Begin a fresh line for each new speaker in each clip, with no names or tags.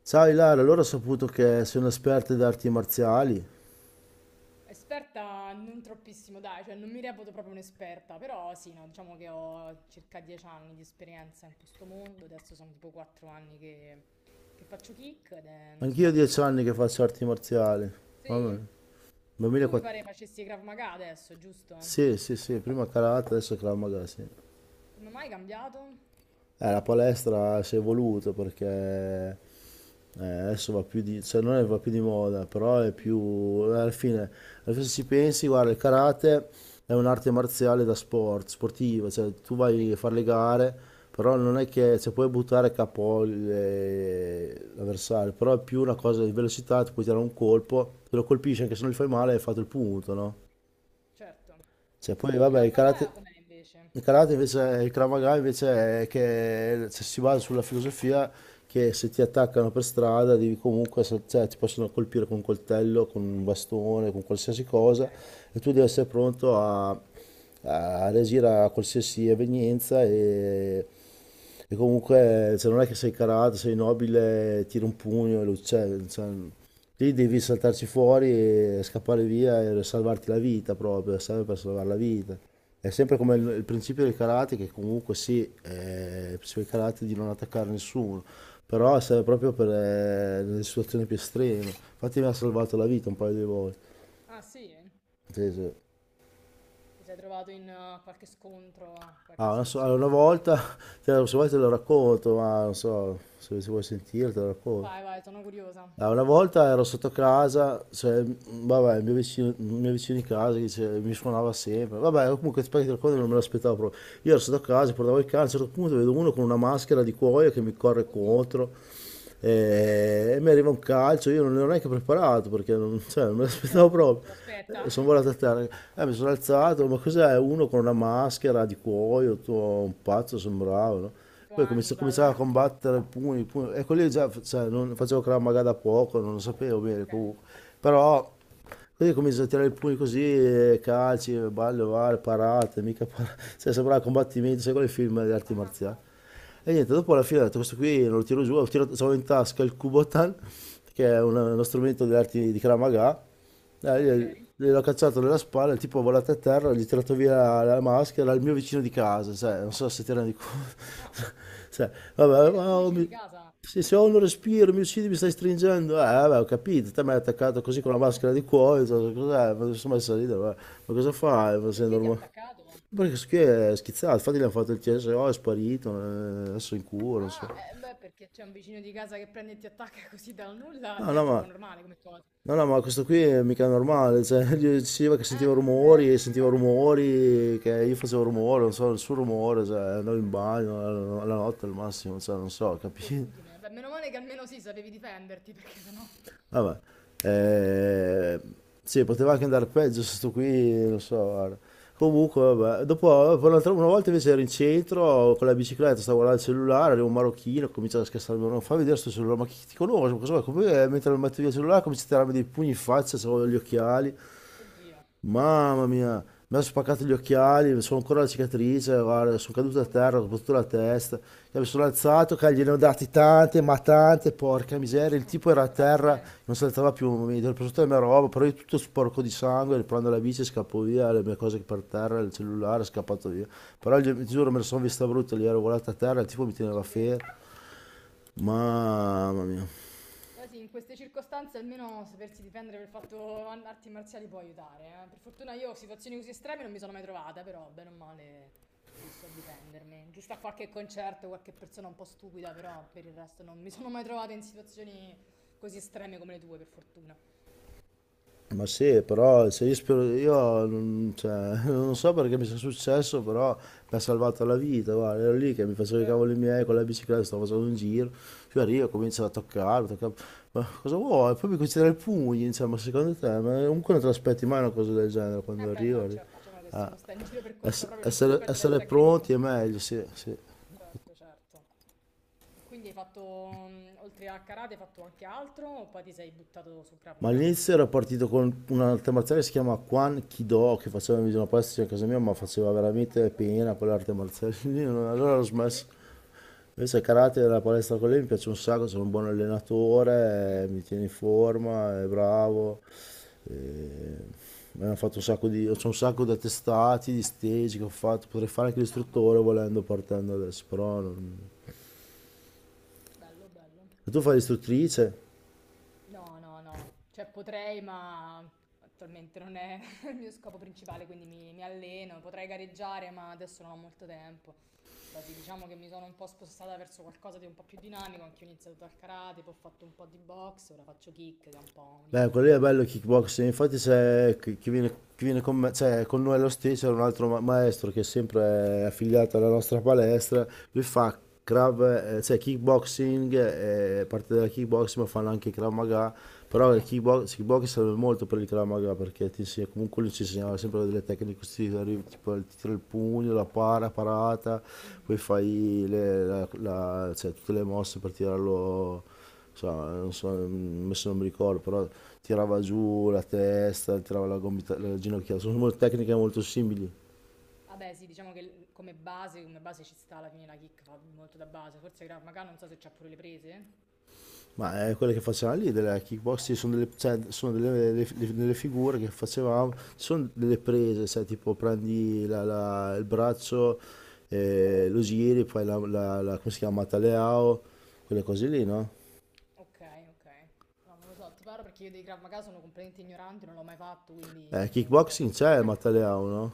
Sai Lara, allora ho saputo che sono esperta di arti marziali.
Esperta non troppissimo, dai, cioè non mi reputo proprio un'esperta, però sì, no, diciamo che ho circa 10 anni di esperienza in questo mondo, adesso sono tipo 4 anni che faccio kick ed è uno
Anch'io ho
sport che
dieci
mi-
anni che faccio arti marziali. Mamma
Sì,
mia.
tu mi pare
2004.
facessi Krav Maga adesso, giusto?
Sì, sì, sì, prima karate, adesso Krav Maga, sì.
Come mai hai cambiato?
La palestra si è evoluta perché adesso va più di, cioè non è va più di moda, però è
Mm,
più, alla fine, se ci pensi, guarda, il karate è un'arte marziale da sport, sportiva, cioè tu
sì,
vai
eh
a fare le gare, però non è che, cioè puoi buttare capo l'avversario, però è più una
no,
cosa di
cioè,
velocità, ti puoi tirare un colpo, te lo colpisci
mhm,
anche se non gli fai male, hai fatto il punto, no?
certo,
Cioè
sì
poi
sì, e
vabbè,
Krav
il karate.
Maga com'è invece?
Il karate invece, il Krav Maga invece è che cioè, si basa sulla filosofia che se ti attaccano per strada devi comunque, cioè, ti possono colpire con un coltello, con un bastone, con qualsiasi
Ok,
cosa e tu devi essere pronto a, a reagire a qualsiasi evenienza e comunque cioè, non è che sei karate, sei nobile, tiri un pugno e lo uccidi, cioè, lì devi saltarci fuori e scappare via e salvarti la vita proprio, serve per salvare la vita. È sempre come il,
quindi...
il principio del karate, che comunque sì, il principio del karate è di non attaccare nessuno, però serve proprio per le situazioni più estreme. Infatti mi ha salvato la vita un paio di volte.
Ah sì,
Sì, sì.
ti sei trovato in qualche scontro, qualche
Ah,
situazione un
allora, una
po' critica?
volta, se vuoi te lo racconto, ma non so se vuoi sentire te lo racconto.
Vai, vai, sono curiosa,
Ah, una volta
racconta.
ero sotto casa, cioè, vabbè, il mio vicino di casa mi suonava sempre. Vabbè, comunque ti racconto, che non me l'aspettavo proprio. Io ero sotto casa, portavo il cane, a un certo punto vedo uno con una maschera di cuoio che mi corre
Oddio,
contro e, mi arriva un calcio. Io non ero neanche preparato perché non, cioè, non me l'aspettavo
certo, uno non se
proprio.
lo aspetta.
Sono volato a terra, mi sono alzato, ma cos'è? Uno con una maschera di cuoio, tutto un pazzo sembrava, no?
Tipo
Poi cominciava a
Hannibal.
combattere, pugni, pugni. Ecco lì già cioè, non, facevo Krav Maga da poco, non lo sapevo bene
Ok,
comunque. Però così comincio a tirare i pugni così, calci, ballo, vale, parate, mica parate. Cioè, sembrava combattimento, sai quali film di arti marziali.
ammazza.
E niente, dopo alla fine ho detto, questo qui non lo tiro giù, ho tirato, avevo in tasca il Kubotan, che è uno strumento di arti di Krav Maga, io
Ok.
gliel'ho cacciato nella spalla, il tipo è volato a terra, gli ho tirato via la maschera, il mio vicino di casa, cioè, non so se ti rendi
Ah,
conto. Cioè, vabbè,
era il tuo
wow,
vicino di casa.
se ho un respiro mi uccidi, mi stai stringendo. Vabbè, ho capito, te mi hai attaccato così con
Oddio,
la maschera di cuoio, cioè, cos'è? Ma sono messo a ridere, ma cosa fai? Ma
ma
sei
perché ti ha
normale.
attaccato?
Perché questo qui è schizzato, infatti gli hanno fatto il CSO, è sparito, adesso è in cura, non so.
Ah, beh, perché c'è un vicino di casa che prende e ti attacca così dal nulla,
No,
non è
no,
proprio
ma
normale come cosa.
Questo qui è mica normale, cioè, gli diceva che sentiva
Beh,
rumori, e sentiva rumori, che io facevo
mamma
rumore, non
mia,
so, il suo rumore, cioè, andavo in bagno, alla notte al massimo, cioè, non so,
che
capito?
inquietudine. Beh, meno male che almeno sì, sapevi difenderti, perché sennò...
Vabbè, eh, sì, poteva anche andare peggio, sto qui, non so, guarda. Comunque, vabbè, dopo, poi una volta invece ero in centro, con la bicicletta,
Mm.
stavo guardando il cellulare, arriva un marocchino, comincia a scassarmi, non fa vedere sto cellulare, ma chi ti conosce, ma cosa vuoi? Come, mentre mi metto via il cellulare, comincia a tirarmi dei pugni in faccia, avevo gli occhiali.
Oddio,
Mamma mia, mi ha spaccato gli occhiali, sono ancora la cicatrice, guarda, sono caduto a terra, ho
ammazza.
sbattuto la testa, che mi sono alzato, che gliene ho dati tante, ma tante, porca miseria, il
Mm,
tipo era a
hai fatto
terra,
bene.
non saltava più, mi ero preso tutta la mia roba, però io tutto sporco di sangue, riprendo la bici, scappo via, le mie cose per terra, il cellulare, è scappato via, ti
Mamma
giuro me la
mia,
sono vista brutta, lì ero volato a terra, il tipo mi teneva
ci
fermo,
credo.
mamma mia.
Beh sì, in queste circostanze almeno sapersi difendere per il fatto an- arti marziali può aiutare, eh. Per fortuna io situazioni così estreme non mi sono mai trovata, però bene o male sì, so difendermi. Giusto a qualche concerto, qualche persona un po' stupida, però per il resto non mi sono mai trovata in situazioni così estreme come le tue, per fortuna.
Ma sì, però se io, spero, io non, cioè, non so perché mi sia successo, però mi ha salvato la vita. Guarda, ero lì che mi facevo i cavoli
Certo.
miei con la bicicletta, stavo facendo un giro, più arrivo, comincia a toccare, toccare. Ma cosa vuoi? Poi mi comincia a dare i pugni, insomma, ma secondo te, ma comunque non te l'aspetti mai una cosa del genere quando
Eh beh
arrivo.
no,
arrivo.
certo, diciamo che se uno sta in giro per conto
Ess-
proprio non ti
essere,
aspetta di
essere
essere
pronti
aggredito.
è meglio, sì, sì.
Certo, certo. E quindi mm, oltre a karate, hai fatto anche altro o poi ti sei buttato sul Krav
Ma
Maga?
all'inizio ero partito con un'arte marziale che si chiama Kwan Kido, che faceva in una palestra vicino a casa mia, ma
Ah,
faceva
ah, non
veramente
lo conosco.
pena quell'arte marziale lì, allora ho smesso.
Perché?
Invece il karate della palestra con lei mi piace un sacco, sono un buon
Mm.
allenatore, mi tiene in forma, è bravo. eh, Mi hanno fatto un sacco di, c'ho un sacco di attestati, di stage che ho fatto, potrei fare anche
Ah,
l'istruttore
mazza, bravo.
volendo partendo adesso. Però non-
Bello, bello.
E tu fai l'istruttrice?
No, no, no, cioè potrei, ma attualmente non è il mio scopo principale, quindi mi alleno, potrei gareggiare, ma adesso non ho molto tempo. Però sì, diciamo che mi sono un po' spostata verso qualcosa di un po' più dinamico, anche io ho iniziato dal karate, poi ho fatto un po' di box, ora faccio kick, che è un po' un
Beh, quello
ibrido
lì è
tra...
bello il kickboxing, infatti c'è chi viene, chi viene con me, cioè con noi allo stesso, c'è un altro maestro che è sempre affiliato alla nostra palestra, lui fa Krav, cioè kickboxing, parte della kickboxing, ma fanno anche Krav Maga, però il
Ah,
kickbox serve molto per il Krav Maga, perché ti comunque lui ci insegnava sempre delle tecniche così, arrivi, tipo il tiro il pugno, la para, parata,
mhm,
poi fai cioè, tutte le mosse per tirarlo, insomma, non so, adesso non mi ricordo, però tirava giù la testa, tirava la gomita,
mm.
la ginocchia, sono tecniche molto simili.
Vabbè, sì, diciamo che come base ci sta alla fine la kick, fa molto da base. Forse Krav Maga, non so se c'ha pure le prese.
Ma quelle che facevamo lì della kickboxing sono, delle, cioè, sono delle, delle figure che facevamo, sono delle prese, sai, tipo prendi il braccio,
Ok.
lo giri, poi come si chiama, Mataleao, quelle cose lì,
Mm.
no?
Ok, ok. No, non lo so, ti parlo perché io dei Krav Maga sono completamente ignorante, non l'ho mai fatto, quindi non so
Kickboxing c'è il
come.
Mataleao, no?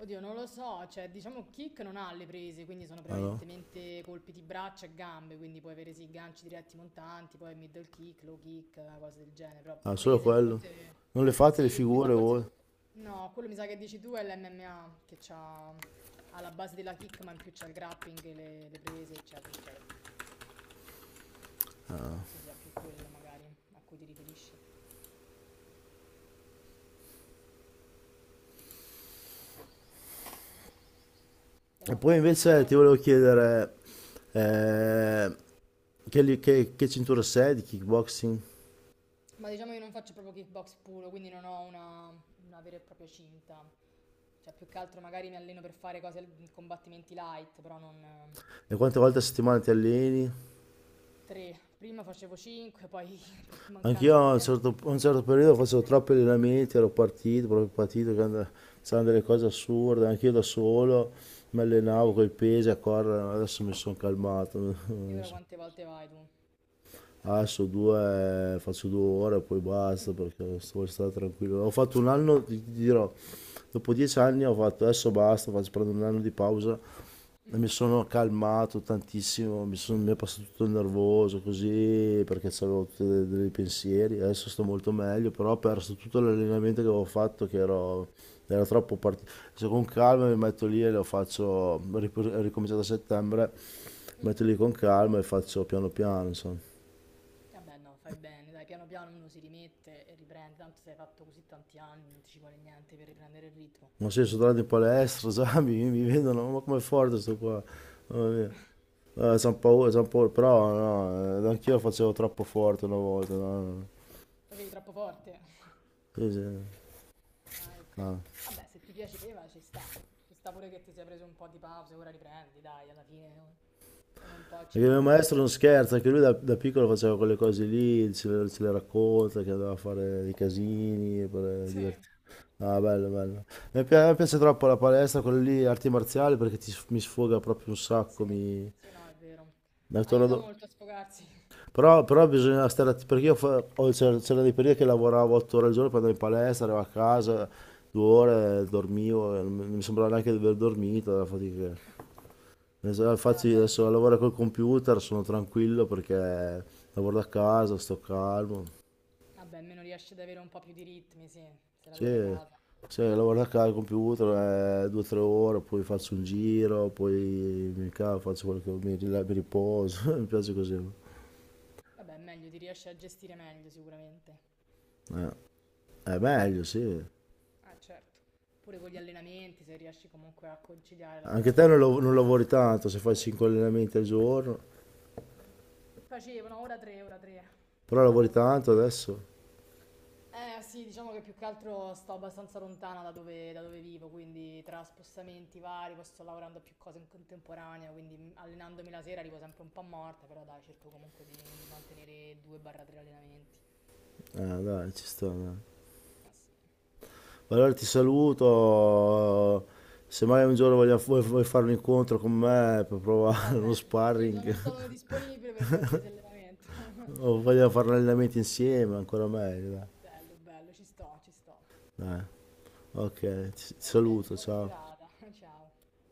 Oddio, non lo so, cioè diciamo kick non ha le prese, quindi sono
Ah no?
prevalentemente colpi di braccia e gambe, quindi puoi avere sì ganci diretti montanti, poi middle kick, low kick, cose del genere, però
Ah, solo
prese no,
quello.
forse
Non le fate le
sì, mi sa
figure
forse
voi.
tu no, quello mi sa che dici tu è l'MMA che c'ha ha la base della kick, ma in più c'ha il grappling, e le prese, eccetera, eccetera. Quindi penso sia più quello magari a cui ti riferisci. Hai
E
fatto
poi
altri
invece ti
sport?
volevo chiedere eh, che cintura sei di kickboxing
Ma diciamo io non faccio proprio kickbox puro, quindi non ho una vera e propria cinta. Cioè, più che altro magari mi alleno per fare cose, combattimenti light, però non...
e quante volte a settimana ti alleni?
Tre. Prima facevo cinque, poi per
Anch'io
mancanza di
a un
tempo...
certo, a un certo periodo facevo troppi allenamenti, ero partito, proprio partito, c'erano delle cose assurde, anch'io da solo mi
Ok.
allenavo con i pesi a correre, adesso mi sono calmato.
E
mi
ora
son-
quante volte vai tu?
Adesso due, faccio 2 ore e poi
Mm,
basta perché voglio stare tranquillo. Ho fatto un anno, ti dirò, dopo 10 anni ho fatto, adesso basta, faccio, prendo un anno di pausa e
mm,
mi sono calmato tantissimo, mi è passato tutto il nervoso così perché avevo tutti dei pensieri, adesso sto molto meglio, però ho
ah,
perso tutto l'allenamento che avevo fatto che ero, era troppo partito. Se con calma mi metto lì e lo faccio, ho ricominciato a settembre, mi
mm.
metto lì con calma e faccio piano piano, insomma.
Vabbè, no, fai bene, dai, piano piano uno si rimette e riprende. Tanto se hai fatto così tanti anni, non ti ci vuole niente per riprendere il ritmo.
Ma sì, sono tornato in palestra, sai, mi vedono, ma com'è forte sto qua. Mamma mia. Son paura, son paura, però no, anch'io facevo troppo forte una volta. No, no.
Facevi troppo forte.
Sì, sì,
Vai qui.
no.
Vabbè, se ti piaceva ci sta. Ci sta pure che ti sei preso un po' di pausa, ora riprendi, dai, alla fine o- uno un po'
Perché il mio maestro
ci
non
deve-
scherza, anche lui da piccolo faceva quelle cose lì, ce le racconta, che doveva fare dei casini per
Sì,
divertirsi. Ah, bello, bello. Mi piace troppo la palestra, quelle lì, arti marziali, perché mi sfoga proprio un sacco,
sì,
mi.
sì, no, è vero.
Da
Aiuta
torno.
molto a sfogarsi.
Però bisogna stare perché io fa- ho- c'era- c'erano dei periodi che lavoravo 8 ore al giorno, poi andavo in palestra, arrivavo a casa,
Mm.
2 ore, dormivo, e non mi sembrava neanche di aver dormito, la fatica. Infatti
Vabbè,
adesso
sì.
lavoro col computer, sono tranquillo
Mm.
perché lavoro da casa, sto calmo.
Vabbè, almeno riesci ad avere un po' più di ritmi, sì, se lavori da
Sì,
casa.
sì, lavoro da casa al computer, 2 o 3 ore, poi faccio un giro,
Mm.
poi mi cavo, faccio quello che mi, mi riposo, mi piace così.
Vabbè, è meglio, ti riesci a gestire meglio sicuramente.
È meglio, sì.
Ah, certo. Pure con gli allenamenti, se riesci comunque a conciliare lavoro
Anche
da
te
casa
non,
e allenamenti.
non lavori tanto se fai 5 allenamenti al giorno,
Facevano ora tre, ora tre.
però
No,
lavori
lavoro.
tanto adesso.
Eh sì, diciamo che più che altro sto abbastanza lontana da da dove vivo, quindi tra spostamenti vari, poi sto lavorando a più cose in contemporanea, quindi allenandomi la sera arrivo sempre un po' morta, però dai, cerco comunque di mantenere 2-3 allenamenti.
Dai, ci sta. Dai.
Ma sì.
Allora ti saluto. Se mai un giorno vuoi fare un incontro con me per
Va
provare uno
bene, sì,
sparring
sono disponibile per qualsiasi allenamento.
o vogliamo fare un allenamento insieme, ancora meglio. Dai,
Bello, bello, ci sto, ci sto.
Dai, ok, ti
Va bene,
saluto,
buona
ciao.
serata, ciao.